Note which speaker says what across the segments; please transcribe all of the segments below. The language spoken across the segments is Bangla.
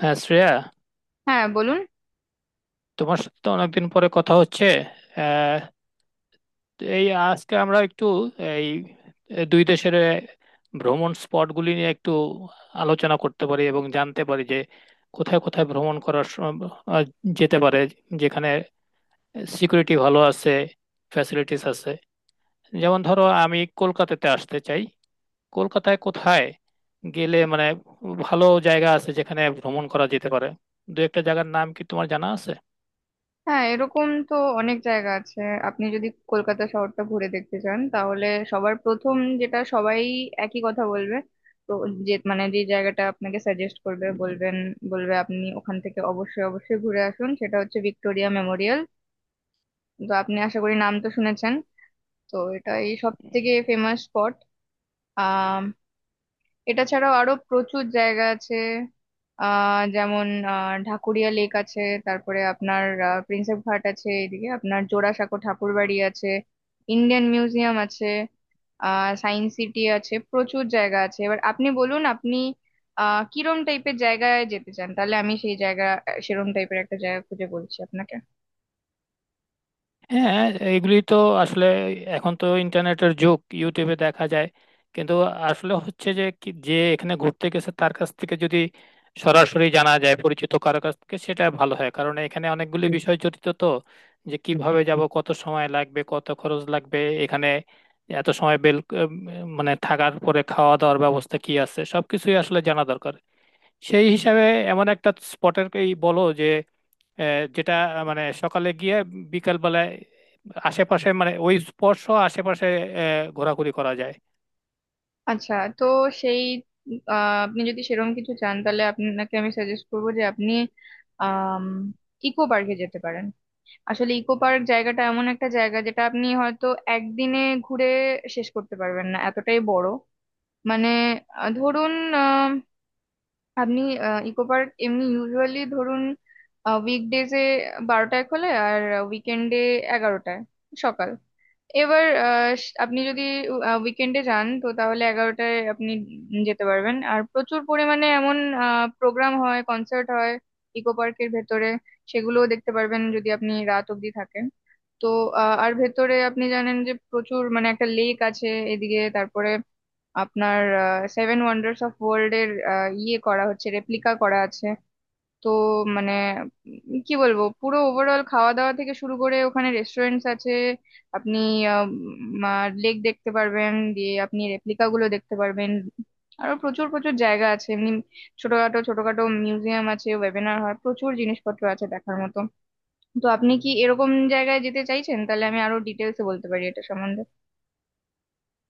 Speaker 1: হ্যাঁ শ্রেয়া।
Speaker 2: হ্যাঁ বলুন।
Speaker 1: তোমার সাথে তো অনেকদিন পরে কথা হচ্ছে। আহ, এই আজকে আমরা একটু এই দুই দেশের ভ্রমণ স্পটগুলি নিয়ে একটু আলোচনা করতে পারি এবং জানতে পারি যে কোথায় কোথায় ভ্রমণ করার আহ, যেতে পারে, যেখানে সিকিউরিটি ভালো আছে, ফ্যাসিলিটিস আছে। যেমন ধরো আমি কলকাতাতে আসতে চাই। কলকাতায় কোথায় গেলে মানে ভালো জায়গা আছে যেখানে ভ্রমণ করা যেতে পারে, দু একটা জায়গার নাম কি তোমার জানা আছে?
Speaker 2: হ্যাঁ, এরকম তো অনেক জায়গা আছে। আপনি যদি কলকাতা শহরটা ঘুরে দেখতে চান, তাহলে সবার প্রথম যেটা সবাই একই কথা বলবে, তো যে জায়গাটা আপনাকে সাজেস্ট করবে, বলবে আপনি ওখান থেকে অবশ্যই অবশ্যই ঘুরে আসুন, সেটা হচ্ছে ভিক্টোরিয়া মেমোরিয়াল। তো আপনি আশা করি নাম তো শুনেছেন। তো এটাই সব থেকে ফেমাস স্পট। এটা ছাড়াও আরো প্রচুর জায়গা আছে। যেমন ঢাকুরিয়া লেক আছে। তারপরে আপনার প্রিন্সেপ ঘাট আছে, এদিকে আপনার জোড়াসাঁকো ঠাকুর বাড়ি আছে, ইন্ডিয়ান মিউজিয়াম আছে, সায়েন্স সিটি আছে, প্রচুর জায়গা আছে। এবার আপনি বলুন, আপনি কিরম টাইপের জায়গায় যেতে চান, তাহলে আমি সেই জায়গা সেরম টাইপের একটা জায়গা খুঁজে বলছি আপনাকে।
Speaker 1: হ্যাঁ, এগুলি তো আসলে এখন তো ইন্টারনেটের যুগ, ইউটিউবে দেখা যায়। কিন্তু আসলে হচ্ছে যে যে এখানে ঘুরতে গেছে তার কাছ থেকে যদি সরাসরি জানা যায়, পরিচিত কারো কাছ থেকে, সেটা ভালো হয়। কারণ এখানে অনেকগুলি বিষয় জড়িত, তো যে কিভাবে যাব, কত সময় লাগবে, কত খরচ লাগবে, এখানে এত সময় বেল মানে থাকার পরে খাওয়া দাওয়ার ব্যবস্থা কি আছে, সবকিছুই আসলে জানা দরকার। সেই হিসাবে এমন একটা স্পটের বলো যে যেটা মানে সকালে গিয়ে বিকাল বেলায় আশেপাশে, মানে ওই স্পর্শ আশেপাশে ঘোরাঘুরি করা যায়।
Speaker 2: আচ্ছা। তো সেই আপনি যদি সেরম কিছু চান, তাহলে আপনাকে আমি সাজেস্ট করবো যে আপনি আহ ইকো পার্কে যেতে পারেন। আসলে ইকো পার্ক জায়গাটা এমন একটা জায়গা যেটা আপনি হয়তো একদিনে ঘুরে শেষ করতে পারবেন না, এতটাই বড়। মানে ধরুন, আহ, আপনি ইকো পার্ক এমনি ইউজুয়ালি, ধরুন, উইকডেজে 12টায় খোলে আর উইকেন্ডে 11টায়, সকাল। এবার আপনি যদি উইকেন্ডে যান তো, তাহলে 11টায় আপনি যেতে পারবেন। আর প্রচুর পরিমাণে এমন প্রোগ্রাম হয়, কনসার্ট হয় ইকো পার্কের ভেতরে, সেগুলোও দেখতে পারবেন যদি আপনি রাত অবধি থাকেন। তো আর ভেতরে আপনি জানেন যে প্রচুর, মানে একটা লেক আছে এদিকে, তারপরে আপনার সেভেন ওয়ান্ডার্স অফ ওয়ার্ল্ড এর ইয়ে করা হচ্ছে, রেপ্লিকা করা আছে। তো মানে কি বলবো, পুরো ওভারঅল, খাওয়া দাওয়া থেকে শুরু করে ওখানে রেস্টুরেন্টস আছে, আপনি লেক দেখতে পারবেন, দিয়ে আপনি রেপ্লিকা গুলো দেখতে পারবেন। আরো প্রচুর প্রচুর জায়গা আছে এমনি, ছোটখাটো ছোটখাটো মিউজিয়াম আছে, ওয়েবিনার হয়, প্রচুর জিনিসপত্র আছে দেখার মতো। তো আপনি কি এরকম জায়গায় যেতে চাইছেন? তাহলে আমি আরো ডিটেলসে বলতে পারি এটা সম্বন্ধে।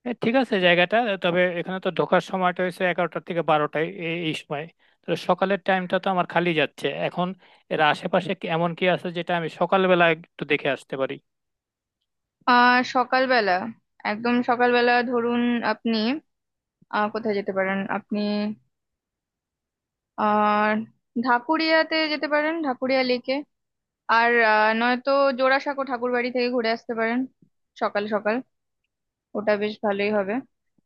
Speaker 1: ঠিক আছে জায়গাটা। তবে এখানে তো ঢোকার সময়টা হয়েছে 11টার থেকে 12টায়, এই এই সময়। তাহলে সকালের টাইমটা তো আমার খালি যাচ্ছে এখন। এর আশেপাশে এমন কি আছে যেটা আমি সকালবেলা একটু দেখে আসতে পারি?
Speaker 2: সকালবেলা, একদম সকালবেলা ধরুন, আপনি কোথায় যেতে পারেন আপনি? আর ঢাকুরিয়াতে যেতে পারেন, ঢাকুরিয়া লেকে। আর নয়তো জোড়াসাঁকো ঠাকুরবাড়ি থেকে ঘুরে আসতে পারেন সকাল সকাল, ওটা বেশ ভালোই হবে।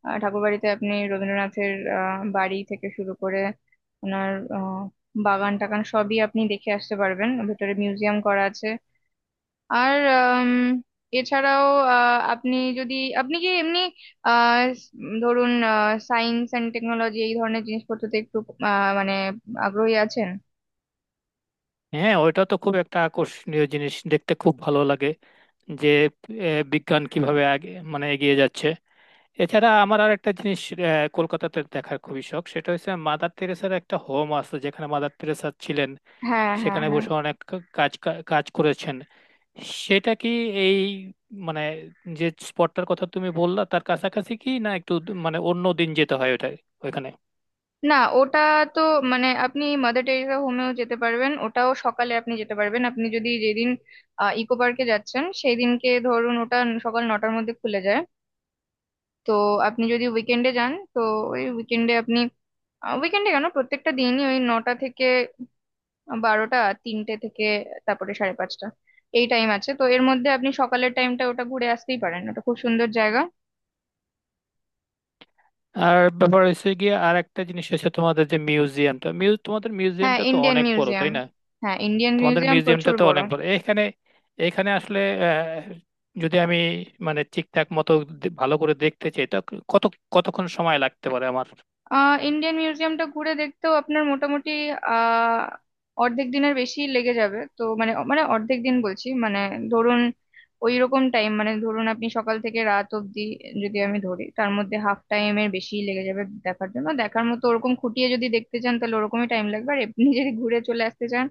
Speaker 2: আর ঠাকুরবাড়িতে আপনি রবীন্দ্রনাথের বাড়ি থেকে শুরু করে ওনার আহ, বাগান টাগান সবই আপনি দেখে আসতে পারবেন, ভেতরে মিউজিয়াম করা আছে। আর এছাড়াও আপনি যদি, আপনি কি এমনি আহ স- ধরুন, সায়েন্স অ্যান্ড টেকনোলজি এই ধরনের জিনিসপত্রতে একটু মানে আগ্রহী আছেন?
Speaker 1: হ্যাঁ, ওইটা তো খুব একটা আকর্ষণীয় জিনিস, দেখতে খুব ভালো লাগে যে বিজ্ঞান কিভাবে আগে মানে এগিয়ে যাচ্ছে। এছাড়া আমার আর একটা জিনিস কলকাতাতে দেখার খুবই শখ, সেটা হচ্ছে মাদার তেরেসার একটা হোম আছে যেখানে মাদার তেরেসা ছিলেন।
Speaker 2: হ্যাঁ, হ্যাঁ,
Speaker 1: সেখানে
Speaker 2: হ্যাঁ।
Speaker 1: বসে অনেক কাজ কাজ করেছেন। সেটা কি এই মানে যে স্পটটার কথা তুমি বললা তার কাছাকাছি কি না, একটু মানে অন্য দিন যেতে হয় ওটা ওইখানে?
Speaker 2: না, ওটা তো, মানে আপনি মাদার টেরেসা হোমেও যেতে পারবেন, ওটাও সকালে আপনি যেতে পারবেন। আপনি যদি যেদিন ইকো পার্কে যাচ্ছেন সেই দিনকে, ধরুন, ওটা সকাল 9টার মধ্যে খুলে যায়। তো আপনি যদি উইকেন্ডে যান তো, ওই উইকেন্ডে আপনি উইকেন্ডে কেন, প্রত্যেকটা দিনই ওই 9টা থেকে 12টা, 3টে থেকে তারপরে 5:30, এই টাইম আছে। তো এর মধ্যে আপনি সকালের টাইমটা ওটা ঘুরে আসতেই পারেন, ওটা খুব সুন্দর জায়গা।
Speaker 1: আর ব্যাপার হচ্ছে গিয়ে, আর একটা জিনিস হচ্ছে, তোমাদের যে মিউজিয়ামটা তোমাদের
Speaker 2: হ্যাঁ,
Speaker 1: মিউজিয়ামটা তো
Speaker 2: ইন্ডিয়ান
Speaker 1: অনেক বড়
Speaker 2: মিউজিয়াম।
Speaker 1: তাই না?
Speaker 2: হ্যাঁ, ইন্ডিয়ান
Speaker 1: তোমাদের
Speaker 2: মিউজিয়াম
Speaker 1: মিউজিয়ামটা
Speaker 2: প্রচুর
Speaker 1: তো
Speaker 2: বড়।
Speaker 1: অনেক বড়। এখানে এখানে আসলে আহ, যদি আমি মানে ঠিকঠাক মতো ভালো করে দেখতে চাই তো কত কতক্ষণ সময় লাগতে পারে আমার?
Speaker 2: ইন্ডিয়ান মিউজিয়ামটা ঘুরে দেখতেও আপনার মোটামুটি আহ অর্ধেক দিনের বেশি লেগে যাবে। তো মানে, অর্ধেক দিন বলছি মানে, ধরুন ওই রকম টাইম, মানে ধরুন আপনি সকাল থেকে রাত অবধি যদি আমি ধরি, তার মধ্যে হাফ টাইম এর বেশি লেগে যাবে দেখার জন্য। দেখার মতো ওরকম খুঁটিয়ে যদি দেখতে চান তাহলে ওরকমই টাইম লাগবে, আর এমনি যদি ঘুরে চলে আসতে চান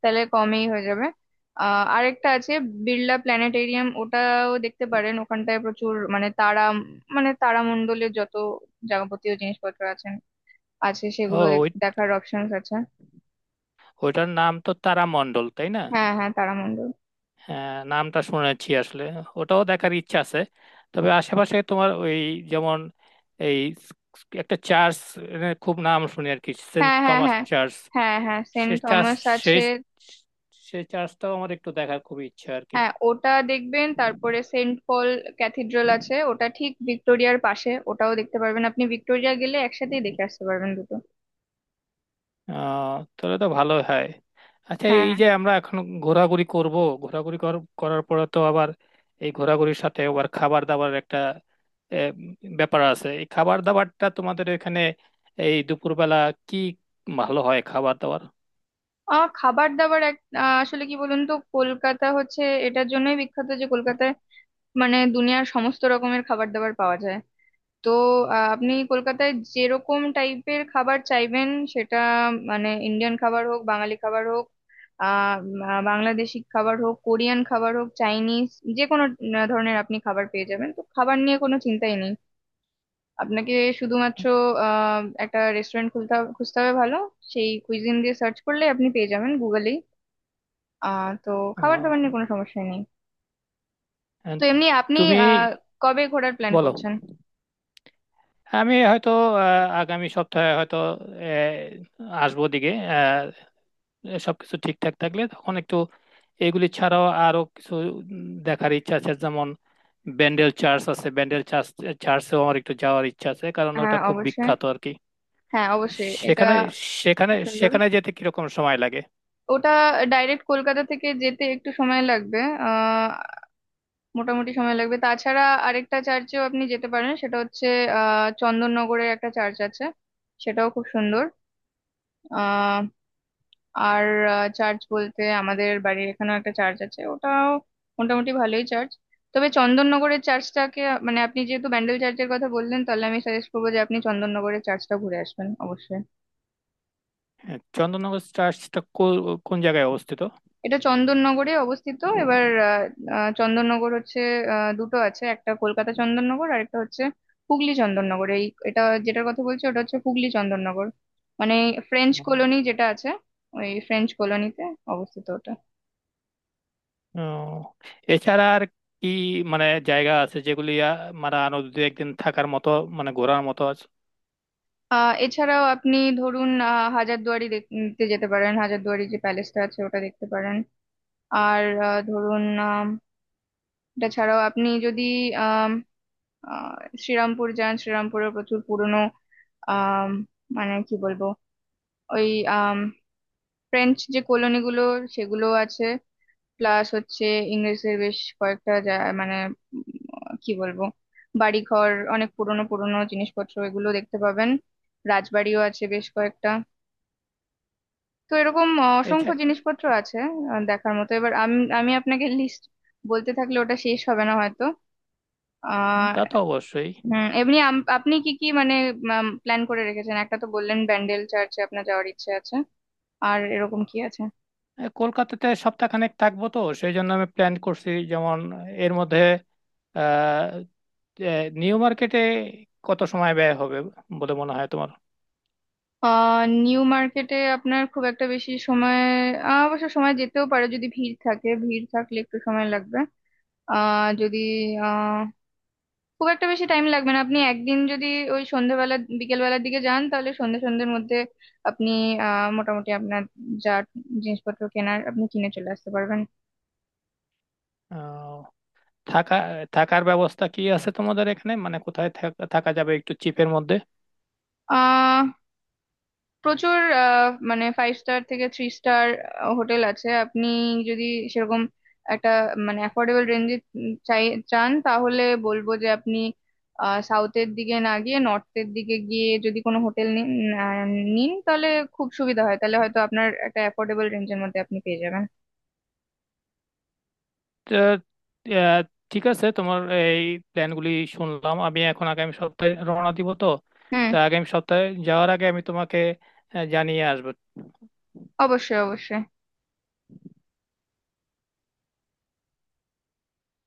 Speaker 2: তাহলে কমই হয়ে যাবে। আরেকটা আছে, বিড়লা প্ল্যানেটেরিয়াম, ওটাও দেখতে পারেন। ওখানটায় প্রচুর, মানে তারামণ্ডলের যত যাবতীয় জিনিসপত্র আছে আছে,
Speaker 1: ও,
Speaker 2: সেগুলো দেখার অপশনস আছে।
Speaker 1: ওইটার নাম তো তারামণ্ডল তাই না?
Speaker 2: হ্যাঁ, হ্যাঁ, তারামণ্ডল।
Speaker 1: হ্যাঁ, নামটা শুনেছি আসলে। ওটাও দেখার ইচ্ছা আছে। তবে আশেপাশে তোমার ওই, যেমন এই একটা চার্চ খুব নাম শুনি আর কি, সেন্ট
Speaker 2: হ্যাঁ, হ্যাঁ, হ্যাঁ।
Speaker 1: Thomas church.
Speaker 2: হ্যাঁ, হ্যাঁ, সেন্ট
Speaker 1: সে চার্চ
Speaker 2: থমাস
Speaker 1: সেই
Speaker 2: আছে।
Speaker 1: সেই চার্চটাও আমার একটু দেখার খুব ইচ্ছা আর কি।
Speaker 2: হ্যাঁ, ওটা দেখবেন। তারপরে সেন্ট পল ক্যাথিড্রাল আছে, ওটা ঠিক ভিক্টোরিয়ার পাশে, ওটাও দেখতে পারবেন। আপনি ভিক্টোরিয়া গেলে একসাথেই দেখে আসতে পারবেন দুটো।
Speaker 1: আহ তাহলে তো ভালো হয়। আচ্ছা, এই
Speaker 2: হ্যাঁ।
Speaker 1: যে আমরা এখন ঘোরাঘুরি করব, করার পরে তো আবার, এই ঘোরাঘুরির সাথে আবার খাবার দাবার একটা আহ, ব্যাপার আছে। এই খাবার দাবারটা তোমাদের এখানে এই দুপুরবেলা কি ভালো হয় খাবার দাবার?
Speaker 2: খাবার দাবার আসলে কি বলুন তো, কলকাতা হচ্ছে এটার জন্যই বিখ্যাত যে কলকাতায় মানে দুনিয়ার সমস্ত রকমের খাবার দাবার পাওয়া যায়। তো আপনি কলকাতায় যেরকম টাইপের খাবার চাইবেন, সেটা, মানে ইন্ডিয়ান খাবার হোক, বাঙালি খাবার হোক, বাংলাদেশি খাবার হোক, কোরিয়ান খাবার হোক, চাইনিজ, যে কোনো ধরনের আপনি খাবার পেয়ে যাবেন। তো খাবার নিয়ে কোনো চিন্তাই নেই, আপনাকে শুধুমাত্র একটা রেস্টুরেন্ট খুঁজতে হবে ভালো, সেই কুইজিন দিয়ে সার্চ করলে আপনি পেয়ে যাবেন গুগলেই। তো খাবার দাবার
Speaker 1: আহ,
Speaker 2: নিয়ে কোনো সমস্যা নেই।
Speaker 1: and
Speaker 2: তো এমনি আপনি
Speaker 1: তুমি
Speaker 2: আহ কবে ঘোরার প্ল্যান
Speaker 1: বলো।
Speaker 2: করছেন?
Speaker 1: আমি হয়তো আগামী সপ্তাহে হয়তো আসবো দিকে। সবকিছু ঠিকঠাক থাকলে তখন একটু, এগুলি ছাড়াও আরো কিছু দেখার ইচ্ছা আছে, যেমন ব্যান্ডেল চার্চ আছে। ব্যান্ডেল চার্চেও আমার একটু যাওয়ার ইচ্ছা আছে কারণ
Speaker 2: হ্যাঁ,
Speaker 1: ওটা খুব
Speaker 2: অবশ্যই।
Speaker 1: বিখ্যাত আর কি।
Speaker 2: হ্যাঁ, অবশ্যই, এটা
Speaker 1: সেখানে সেখানে
Speaker 2: সুন্দর।
Speaker 1: সেখানে যেতে কিরকম সময় লাগে?
Speaker 2: ওটা ডাইরেক্ট কলকাতা থেকে যেতে একটু সময় লাগবে, আহ মোটামুটি সময় লাগবে। তাছাড়া আরেকটা চার্চেও আপনি যেতে পারেন, সেটা হচ্ছে চন্দননগরে একটা চার্চ আছে, সেটাও খুব সুন্দর। আহ আর চার্চ বলতে আমাদের বাড়ির এখানেও একটা চার্চ আছে, ওটাও মোটামুটি ভালোই চার্চ। তবে চন্দননগরের চার্চটাকে, মানে আপনি যেহেতু ব্যান্ডেল চার্চের কথা বললেন, তাহলে আমি সাজেস্ট করবো যে আপনি চন্দননগরের চার্চটা ঘুরে আসবেন অবশ্যই।
Speaker 1: হ্যাঁ, চন্দননগর চার্চটা কোন জায়গায় অবস্থিত?
Speaker 2: এটা চন্দননগরে অবস্থিত। এবার আহ, আহ, চন্দননগর হচ্ছে, দুটো আছে, একটা কলকাতা চন্দননগর আর একটা হচ্ছে হুগলি চন্দননগর। এটা যেটার কথা বলছি ওটা হচ্ছে হুগলি চন্দননগর, মানে ফ্রেঞ্চ কলোনি যেটা আছে, ওই ফ্রেঞ্চ কলোনিতে অবস্থিত ওটা।
Speaker 1: ও, এছাড়া আর কি মানে জায়গা আছে যেগুলি মানে আরো দু একদিন থাকার মতো, মানে ঘোরার মতো আছে?
Speaker 2: এছাড়াও আপনি, ধরুন, হাজারদুয়ারি দেখতে যেতে পারেন, হাজারদুয়ারি যে প্যালেসটা আছে ওটা দেখতে পারেন। আর ধরুন, আম, এটা ছাড়াও আপনি যদি আম, আহ, শ্রীরামপুর যান, শ্রীরামপুরে প্রচুর পুরনো আহ মানে কি বলবো, ওই আম, ফ্রেঞ্চ যে কলোনি গুলো সেগুলো আছে, প্লাস হচ্ছে ইংরেজদের বেশ কয়েকটা মানে উম, কি বলবো, বাড়িঘর, অনেক পুরনো পুরনো জিনিসপত্র, এগুলো দেখতে পাবেন। রাজবাড়িও আছে বেশ কয়েকটা। তো এরকম অসংখ্য
Speaker 1: এছা-
Speaker 2: জিনিসপত্র আছে দেখার মতো। এবার আমি আমি আপনাকে লিস্ট বলতে থাকলে ওটা শেষ হবে না হয়তো। আহ
Speaker 1: তা তো অবশ্যই।
Speaker 2: হুম। এমনি আপনি কি কি মানে প্ল্যান করে রেখেছেন? একটা তো বললেন ব্যান্ডেল চার্চে আপনার যাওয়ার ইচ্ছে আছে, আর এরকম কি আছে?
Speaker 1: কলকাতাতে সপ্তাহখানেক থাকবো তো সেই জন্য আমি প্ল্যান করছি, যেমন এর মধ্যে আহ এ, নিউ মার্কেটে কত সময় ব্যয় হবে বলে মনে হয় তোমার?
Speaker 2: নিউ মার্কেটে আপনার খুব একটা বেশি সময়, অবশ্য সময় যেতেও পারে যদি ভিড় থাকে, ভিড় থাকলে একটু সময় লাগবে। আহ যদি আহ খুব একটা বেশি টাইম লাগবে না। আপনি একদিন যদি ওই সন্ধ্যেবেলা বিকেলবেলার দিকে যান, তাহলে সন্ধ্যের মধ্যে আপনি মোটামুটি আপনার যা জিনিসপত্র কেনার, আপনি কিনে চলে আসতে পারবেন।
Speaker 1: আহ, থাকা থাকার ব্যবস্থা কি আছে তোমাদের এখানে, মানে কোথায় থাকা যাবে একটু চিপের মধ্যে?
Speaker 2: আহ প্রচুর, মানে ফাইভ স্টার থেকে থ্রি স্টার হোটেল আছে। আপনি যদি সেরকম একটা, মানে অ্যাফোর্ডেবল রেঞ্জে চাই চান, তাহলে বলবো যে আপনি সাউথের দিকে না গিয়ে নর্থের দিকে গিয়ে যদি কোনো হোটেল নিন, আহ, নিন, তাহলে খুব সুবিধা হয়, তাহলে হয়তো আপনার একটা অ্যাফোর্ডেবল রেঞ্জের মধ্যে আপনি পেয়ে যাবেন।
Speaker 1: আহ, আহ, ঠিক আছে, তোমার এই প্ল্যানগুলি শুনলাম। আমি এখন আগামী সপ্তাহে রওনা দিব তো,
Speaker 2: হুম।
Speaker 1: তা আগামী সপ্তাহে যাওয়ার আগে আমি তোমাকে জানিয়ে আসবো।
Speaker 2: অবশ্যই, অবশ্যই।